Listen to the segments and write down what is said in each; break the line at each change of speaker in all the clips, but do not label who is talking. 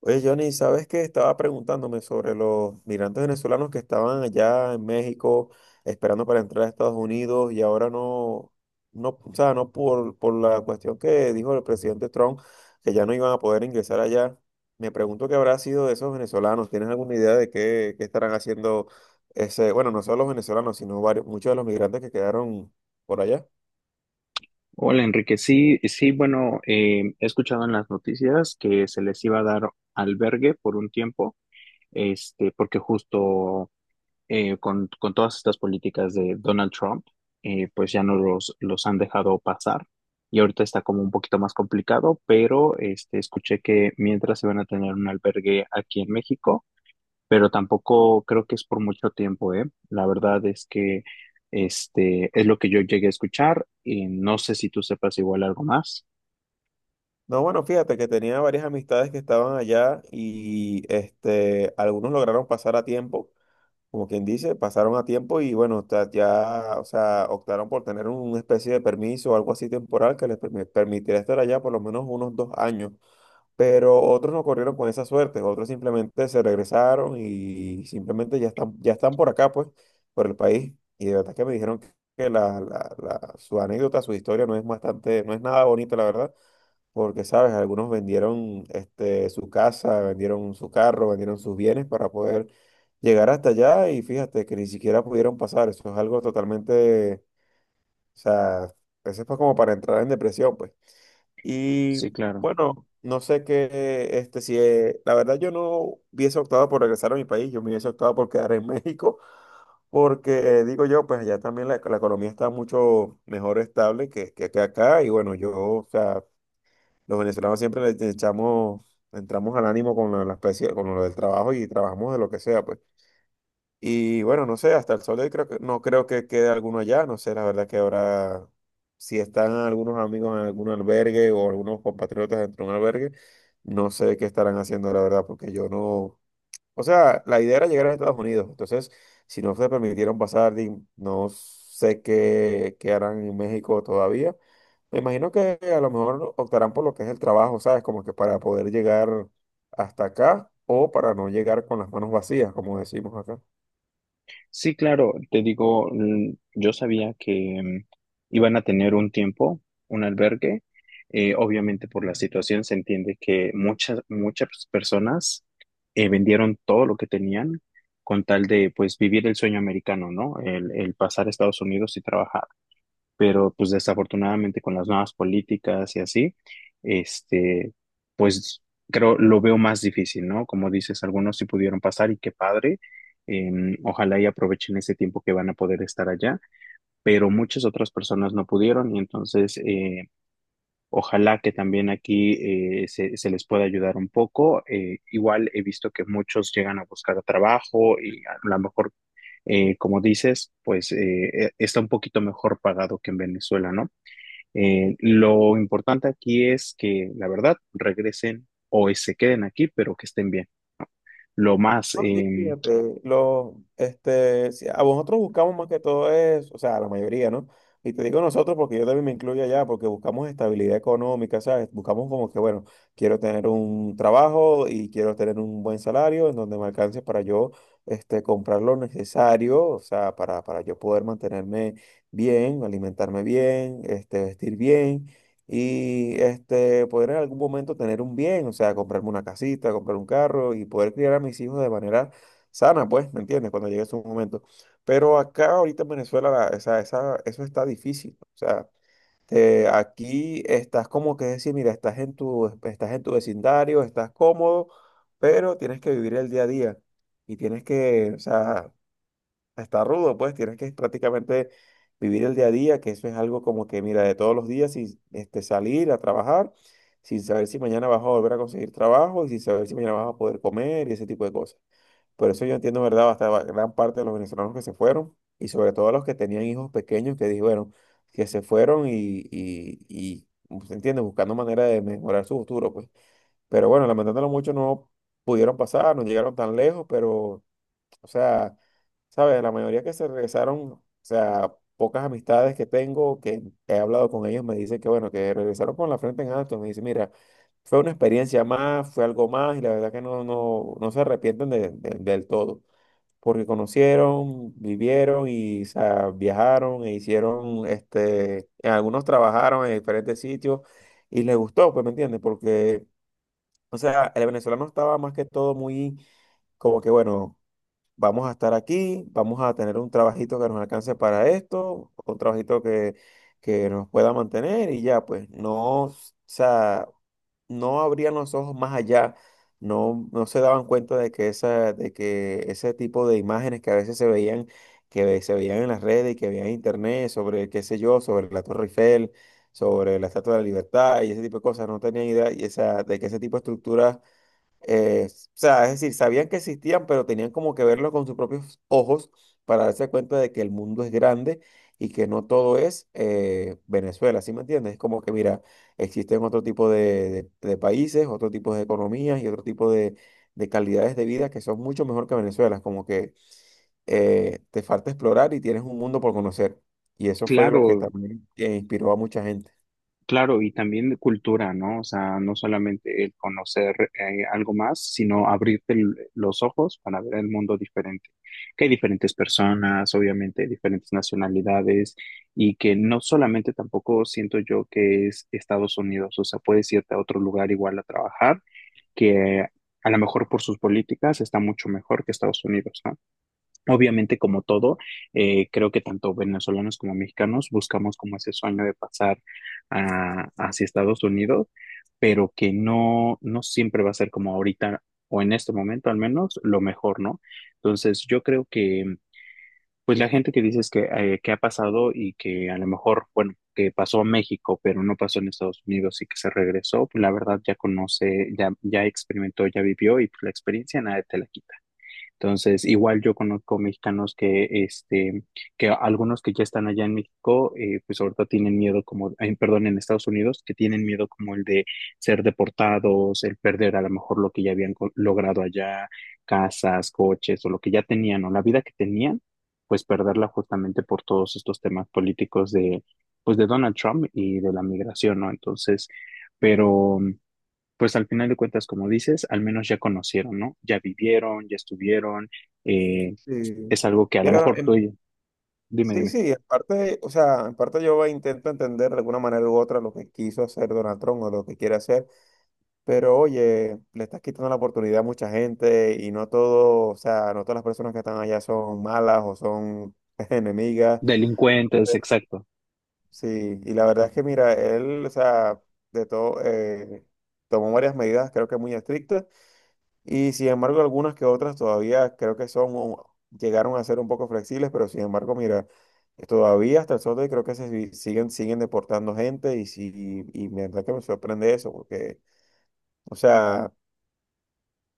Oye, Johnny, ¿sabes qué? Estaba preguntándome sobre los migrantes venezolanos que estaban allá en México esperando para entrar a Estados Unidos y ahora no, no, o sea, no por la cuestión que dijo el presidente Trump, que ya no iban a poder ingresar allá. Me pregunto qué habrá sido de esos venezolanos. ¿Tienes alguna idea de qué estarán haciendo bueno, no solo los venezolanos, sino varios, muchos de los migrantes que quedaron por allá?
Hola Enrique, sí, sí, bueno, he escuchado en las noticias que se les iba a dar albergue por un tiempo, este, porque justo con todas estas políticas de Donald Trump, pues ya no los han dejado pasar y ahorita está como un poquito más complicado, pero este, escuché que mientras se van a tener un albergue aquí en México, pero tampoco creo que es por mucho tiempo, ¿eh? La verdad es que este es lo que yo llegué a escuchar y no sé si tú sepas igual algo más.
No, bueno, fíjate que tenía varias amistades que estaban allá y algunos lograron pasar a tiempo. Como quien dice, pasaron a tiempo y bueno, ya, o sea, optaron por tener una especie de permiso o algo así temporal que les permitiera estar allá por lo menos unos dos años. Pero otros no corrieron con esa suerte, otros simplemente se regresaron y simplemente ya están por acá, pues, por el país. Y de verdad que me dijeron que su anécdota, su historia no es bastante, no es nada bonita, la verdad, porque, ¿sabes? Algunos vendieron su casa, vendieron su carro, vendieron sus bienes para poder llegar hasta allá y fíjate que ni siquiera pudieron pasar. Eso es algo totalmente, o sea, eso fue como para entrar en depresión, pues. Y
Sí, claro.
bueno, no sé qué, si, la verdad yo no hubiese optado por regresar a mi país, yo me hubiese optado por quedar en México, porque digo yo, pues allá también la economía está mucho mejor estable que acá y bueno, yo, o sea... Los venezolanos siempre le echamos, entramos al ánimo con la especie, con lo del trabajo y trabajamos de lo que sea, pues. Y bueno, no sé, hasta el sol de hoy creo que, no creo que quede alguno allá, no sé, la verdad que ahora, si están algunos amigos en algún albergue o algunos compatriotas dentro de un albergue, no sé qué estarán haciendo, la verdad, porque yo no, o sea, la idea era llegar a Estados Unidos. Entonces, si no se permitieron pasar, no sé qué, qué harán en México todavía. Me imagino que a lo mejor optarán por lo que es el trabajo, ¿sabes? Como que para poder llegar hasta acá o para no llegar con las manos vacías, como decimos acá.
Sí, claro, te digo, mm, yo sabía que mm, iban a tener un tiempo, un albergue. Obviamente por la situación se entiende que muchas personas vendieron todo lo que tenían con tal de pues vivir el sueño americano, ¿no? El pasar a Estados Unidos y trabajar. Pero pues desafortunadamente con las nuevas políticas y así, este, pues creo lo veo más difícil, ¿no? Como dices, algunos sí pudieron pasar y qué padre. Ojalá y aprovechen ese tiempo que van a poder estar allá, pero muchas otras personas no pudieron y entonces ojalá que también aquí se les pueda ayudar un poco. Igual he visto que muchos llegan a buscar trabajo y a lo mejor, como dices, pues está un poquito mejor pagado que en Venezuela, ¿no? Lo importante aquí es que, la verdad, regresen o se queden aquí, pero que estén bien. Lo más
No, sí, fíjate, si a vosotros buscamos más que todo es, o sea, la mayoría, ¿no? Y te digo nosotros porque yo también me incluyo allá, porque buscamos estabilidad económica, ¿sabes? Buscamos como que, bueno, quiero tener un trabajo y quiero tener un buen salario en donde me alcance para yo, comprar lo necesario, o sea, para yo poder mantenerme bien, alimentarme bien, vestir bien y poder en algún momento tener un bien, o sea, comprarme una casita, comprar un carro y poder criar a mis hijos de manera sana, pues, ¿me entiendes? Cuando llegue su momento. Pero acá ahorita en Venezuela eso está difícil, o sea, aquí estás como que decir, mira, estás en tu vecindario, estás cómodo, pero tienes que vivir el día a día y tienes que, o sea... Está rudo, pues tienes que prácticamente vivir el día a día, que eso es algo como que, mira, de todos los días, sin salir a trabajar, sin saber si mañana vas a volver a conseguir trabajo y sin saber si mañana vas a poder comer y ese tipo de cosas. Por eso yo entiendo, ¿verdad? Hasta gran parte de los venezolanos que se fueron y sobre todo los que tenían hijos pequeños que dijeron que se fueron y pues, ¿se entiende? Buscando manera de mejorar su futuro, pues. Pero bueno, lamentándolo mucho, no pudieron pasar, no llegaron tan lejos, pero... O sea, ¿sabes? La mayoría que se regresaron, o sea, pocas amistades que tengo, que he hablado con ellos, me dicen que, bueno, que regresaron con la frente en alto. Me dicen, mira, fue una experiencia más, fue algo más, y la verdad que no, no, no se arrepienten del todo, porque conocieron, vivieron y, o sea, viajaron e hicieron, algunos trabajaron en diferentes sitios y les gustó, pues, ¿me entiendes? Porque, o sea, el venezolano estaba más que todo muy, como que, bueno, vamos a estar aquí, vamos a tener un trabajito que nos alcance para esto, un trabajito que nos pueda mantener y ya, pues no, o sea, no abrían los ojos más allá, no, no se daban cuenta de que, esa, de que ese tipo de imágenes que a veces se veían, que se veían en las redes y que veían en internet sobre, qué sé yo, sobre la Torre Eiffel, sobre la Estatua de la Libertad y ese tipo de cosas, no tenían idea y esa, de que ese tipo de estructuras o sea, es decir, sabían que existían, pero tenían como que verlo con sus propios ojos para darse cuenta de que el mundo es grande y que no todo es Venezuela, ¿sí me entiendes? Es como que, mira, existen otro tipo de países, otro tipo de economías y otro tipo de calidades de vida que son mucho mejor que Venezuela. Es como que te falta explorar y tienes un mundo por conocer. Y eso fue lo que
claro,
también inspiró a mucha gente.
claro, y también de cultura, ¿no? O sea, no solamente el conocer algo más, sino abrirte los ojos para ver el mundo diferente. Que hay diferentes personas, obviamente, diferentes nacionalidades, y que no solamente tampoco siento yo que es Estados Unidos, o sea, puedes irte a otro lugar igual a trabajar que a lo mejor por sus políticas está mucho mejor que Estados Unidos, ¿no? Obviamente, como todo, creo que tanto venezolanos como mexicanos buscamos como ese sueño de pasar hacia Estados Unidos, pero que no, no siempre va a ser como ahorita o en este momento al menos lo mejor, ¿no? Entonces, yo creo que pues la gente que dices que ha pasado y que a lo mejor, bueno, que pasó a México, pero no pasó en Estados Unidos y que se regresó, pues la verdad ya conoce, ya experimentó, ya vivió y pues la experiencia nadie te la quita. Entonces, igual yo conozco mexicanos que, este, que algunos que ya están allá en México, pues ahorita tienen miedo como, ay, perdón, en Estados Unidos, que tienen miedo como el de ser deportados, el perder a lo mejor lo que ya habían logrado allá, casas, coches o lo que ya tenían o la vida que tenían, pues perderla justamente por todos estos temas políticos de, pues de Donald Trump y de la migración, ¿no? Entonces, pero pues al final de cuentas, como dices, al menos ya conocieron, ¿no? Ya vivieron, ya estuvieron, eh,
Sí.
es algo que a lo
Mira,
mejor tú, y dime,
sí,
dime,
sí, aparte, o sea, en parte yo intento entender de alguna manera u otra lo que quiso hacer Donald Trump o lo que quiere hacer, pero oye, le estás quitando la oportunidad a mucha gente y no todo, o sea, no todas las personas que están allá son malas o son enemigas,
delincuentes, exacto.
sí, y la verdad es que mira, él, o sea, de todo, tomó varias medidas creo que muy estrictas. Y sin embargo, algunas que otras todavía creo que son, o llegaron a ser un poco flexibles, pero sin embargo, mira, todavía hasta el sol de hoy creo que se si- siguen, siguen deportando gente y, sí, y, me verdad que me sorprende eso, porque, o sea,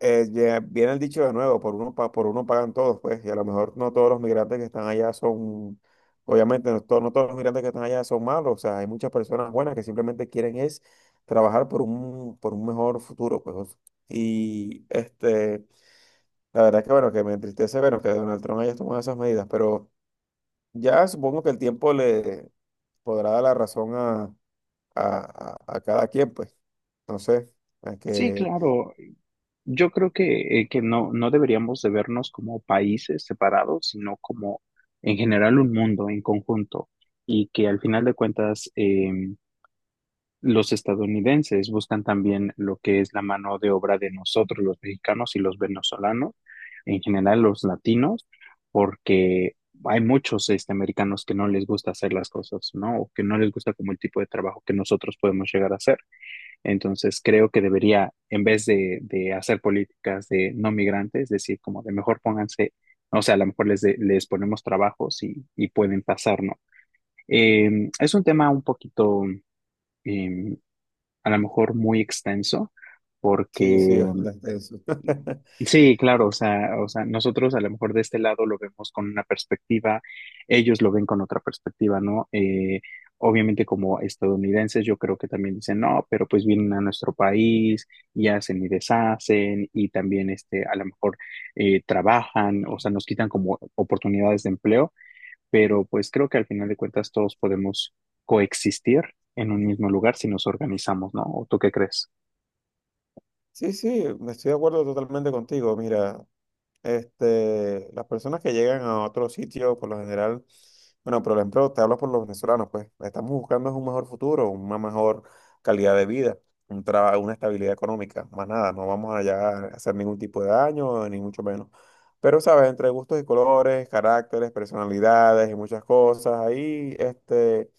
ya viene el dicho de nuevo, por uno pagan todos, pues, y a lo mejor no todos los migrantes que están allá son, obviamente, no, no todos los migrantes que están allá son malos, o sea, hay muchas personas buenas que simplemente quieren es trabajar por un mejor futuro, pues, y este... La verdad que bueno, que me entristece ver que Donald Trump haya tomado esas medidas, pero ya supongo que el tiempo le podrá dar la razón a cada quien, pues. Entonces, es
Sí,
que
claro, yo creo que no, no deberíamos de vernos como países separados, sino como en general un mundo en conjunto y que al final de cuentas, los estadounidenses buscan también lo que es la mano de obra de nosotros, los mexicanos y los venezolanos, en general los latinos, porque hay muchos este, americanos que no les gusta hacer las cosas, ¿no? O que no les gusta como el tipo de trabajo que nosotros podemos llegar a hacer. Entonces creo que debería, en vez de hacer políticas de no migrantes, decir como de mejor pónganse, o sea, a lo mejor les, les ponemos trabajos y pueden pasar, ¿no? Es un tema un poquito... eh, a lo mejor muy extenso, porque
sí, sí, es verdad eso.
sí, claro, o sea, nosotros a lo mejor de este lado lo vemos con una perspectiva, ellos lo ven con otra perspectiva, ¿no? Obviamente como estadounidenses yo creo que también dicen, no, pero pues vienen a nuestro país y hacen y deshacen y también este, a lo mejor trabajan, o sea, nos quitan como oportunidades de empleo, pero pues creo que al final de cuentas todos podemos coexistir en un mismo lugar si nos organizamos, ¿no? ¿O tú qué crees?
Sí, sí, estoy de acuerdo totalmente contigo. Mira, este, las personas que llegan a otro sitio, por lo general, bueno, por ejemplo, te hablo por los venezolanos, pues estamos buscando es un mejor futuro, una mejor calidad de vida, un trabajo, una estabilidad económica, más nada, no vamos allá a hacer ningún tipo de daño, ni mucho menos. Pero, ¿sabes? Entre gustos y colores, caracteres, personalidades y muchas cosas, ahí, este...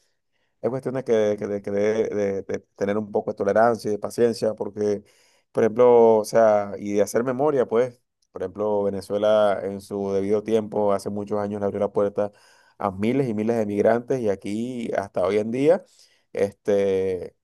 Es cuestión de de tener un poco de tolerancia y de paciencia, porque, por ejemplo, o sea, y de hacer memoria, pues, por ejemplo, Venezuela en su debido tiempo, hace muchos años, le abrió la puerta a miles y miles de migrantes y aquí, hasta hoy en día, este...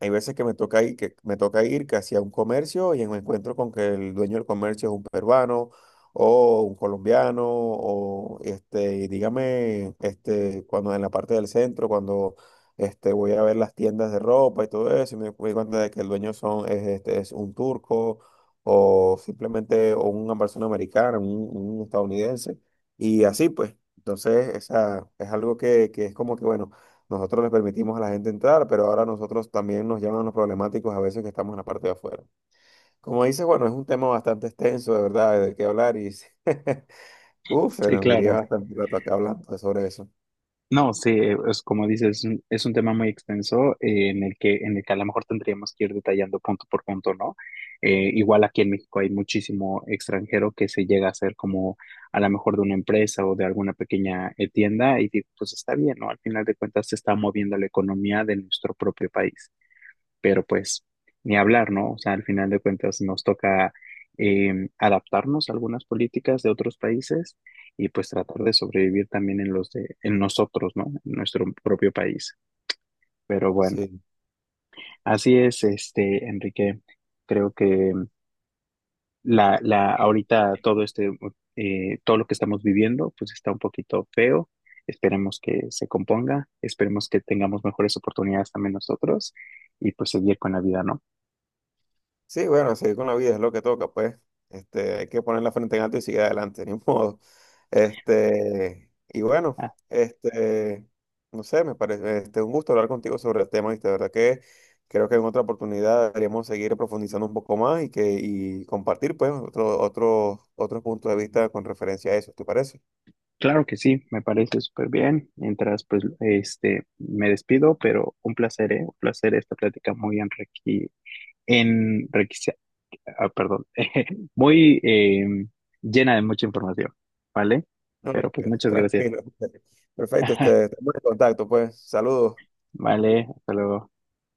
Hay veces que me toca ir, que me toca ir casi a un comercio y me encuentro con que el dueño del comercio es un peruano o un colombiano o dígame, cuando en la parte del centro, cuando voy a ver las tiendas de ropa y todo eso, y me doy cuenta de que el dueño es un turco o una persona americana, un estadounidense y así pues. Entonces, esa es algo que es como que, bueno. Nosotros les permitimos a la gente entrar, pero ahora nosotros también nos llaman los problemáticos a veces que estamos en la parte de afuera. Como dices, bueno, es un tema bastante extenso, de verdad, de qué hablar y uf, se
Sí,
nos diría
claro.
bastante rato acá hablando sobre eso.
No, sí, es como dices, es un tema muy extenso en el que a lo mejor tendríamos que ir detallando punto por punto, ¿no? Igual aquí en México hay muchísimo extranjero que se llega a ser como a lo mejor de una empresa o de alguna pequeña tienda y digo, pues está bien, ¿no? Al final de cuentas se está moviendo la economía de nuestro propio país, pero pues ni hablar, ¿no? O sea, al final de cuentas nos toca adaptarnos a algunas políticas de otros países y pues tratar de sobrevivir también en los de, en nosotros, ¿no? En nuestro propio país. Pero bueno,
Sí.
así es, este, Enrique. Creo que la, ahorita todo este, todo lo que estamos viviendo, pues está un poquito feo. Esperemos que se componga, esperemos que tengamos mejores oportunidades también nosotros y pues seguir con la vida, ¿no?
Sí, bueno, seguir con la vida es lo que toca, pues. Este, hay que poner la frente en alto y seguir adelante, ni modo. Este, y bueno, este, no sé, me parece, un gusto hablar contigo sobre el tema, y de verdad que creo que en otra oportunidad deberíamos seguir profundizando un poco más y que, y compartir, pues, otros puntos de vista con referencia a eso, ¿te parece?
Claro que sí, me parece súper bien. Mientras, pues, este, me despido, pero un placer, ¿eh? Un placer esta plática muy enrique, enriquece- ah, perdón, muy llena de mucha información, ¿vale?
No, no,
Pero pues muchas gracias.
tranquilo. Perfecto, este, estamos en contacto, pues. Saludos.
Vale, hasta luego.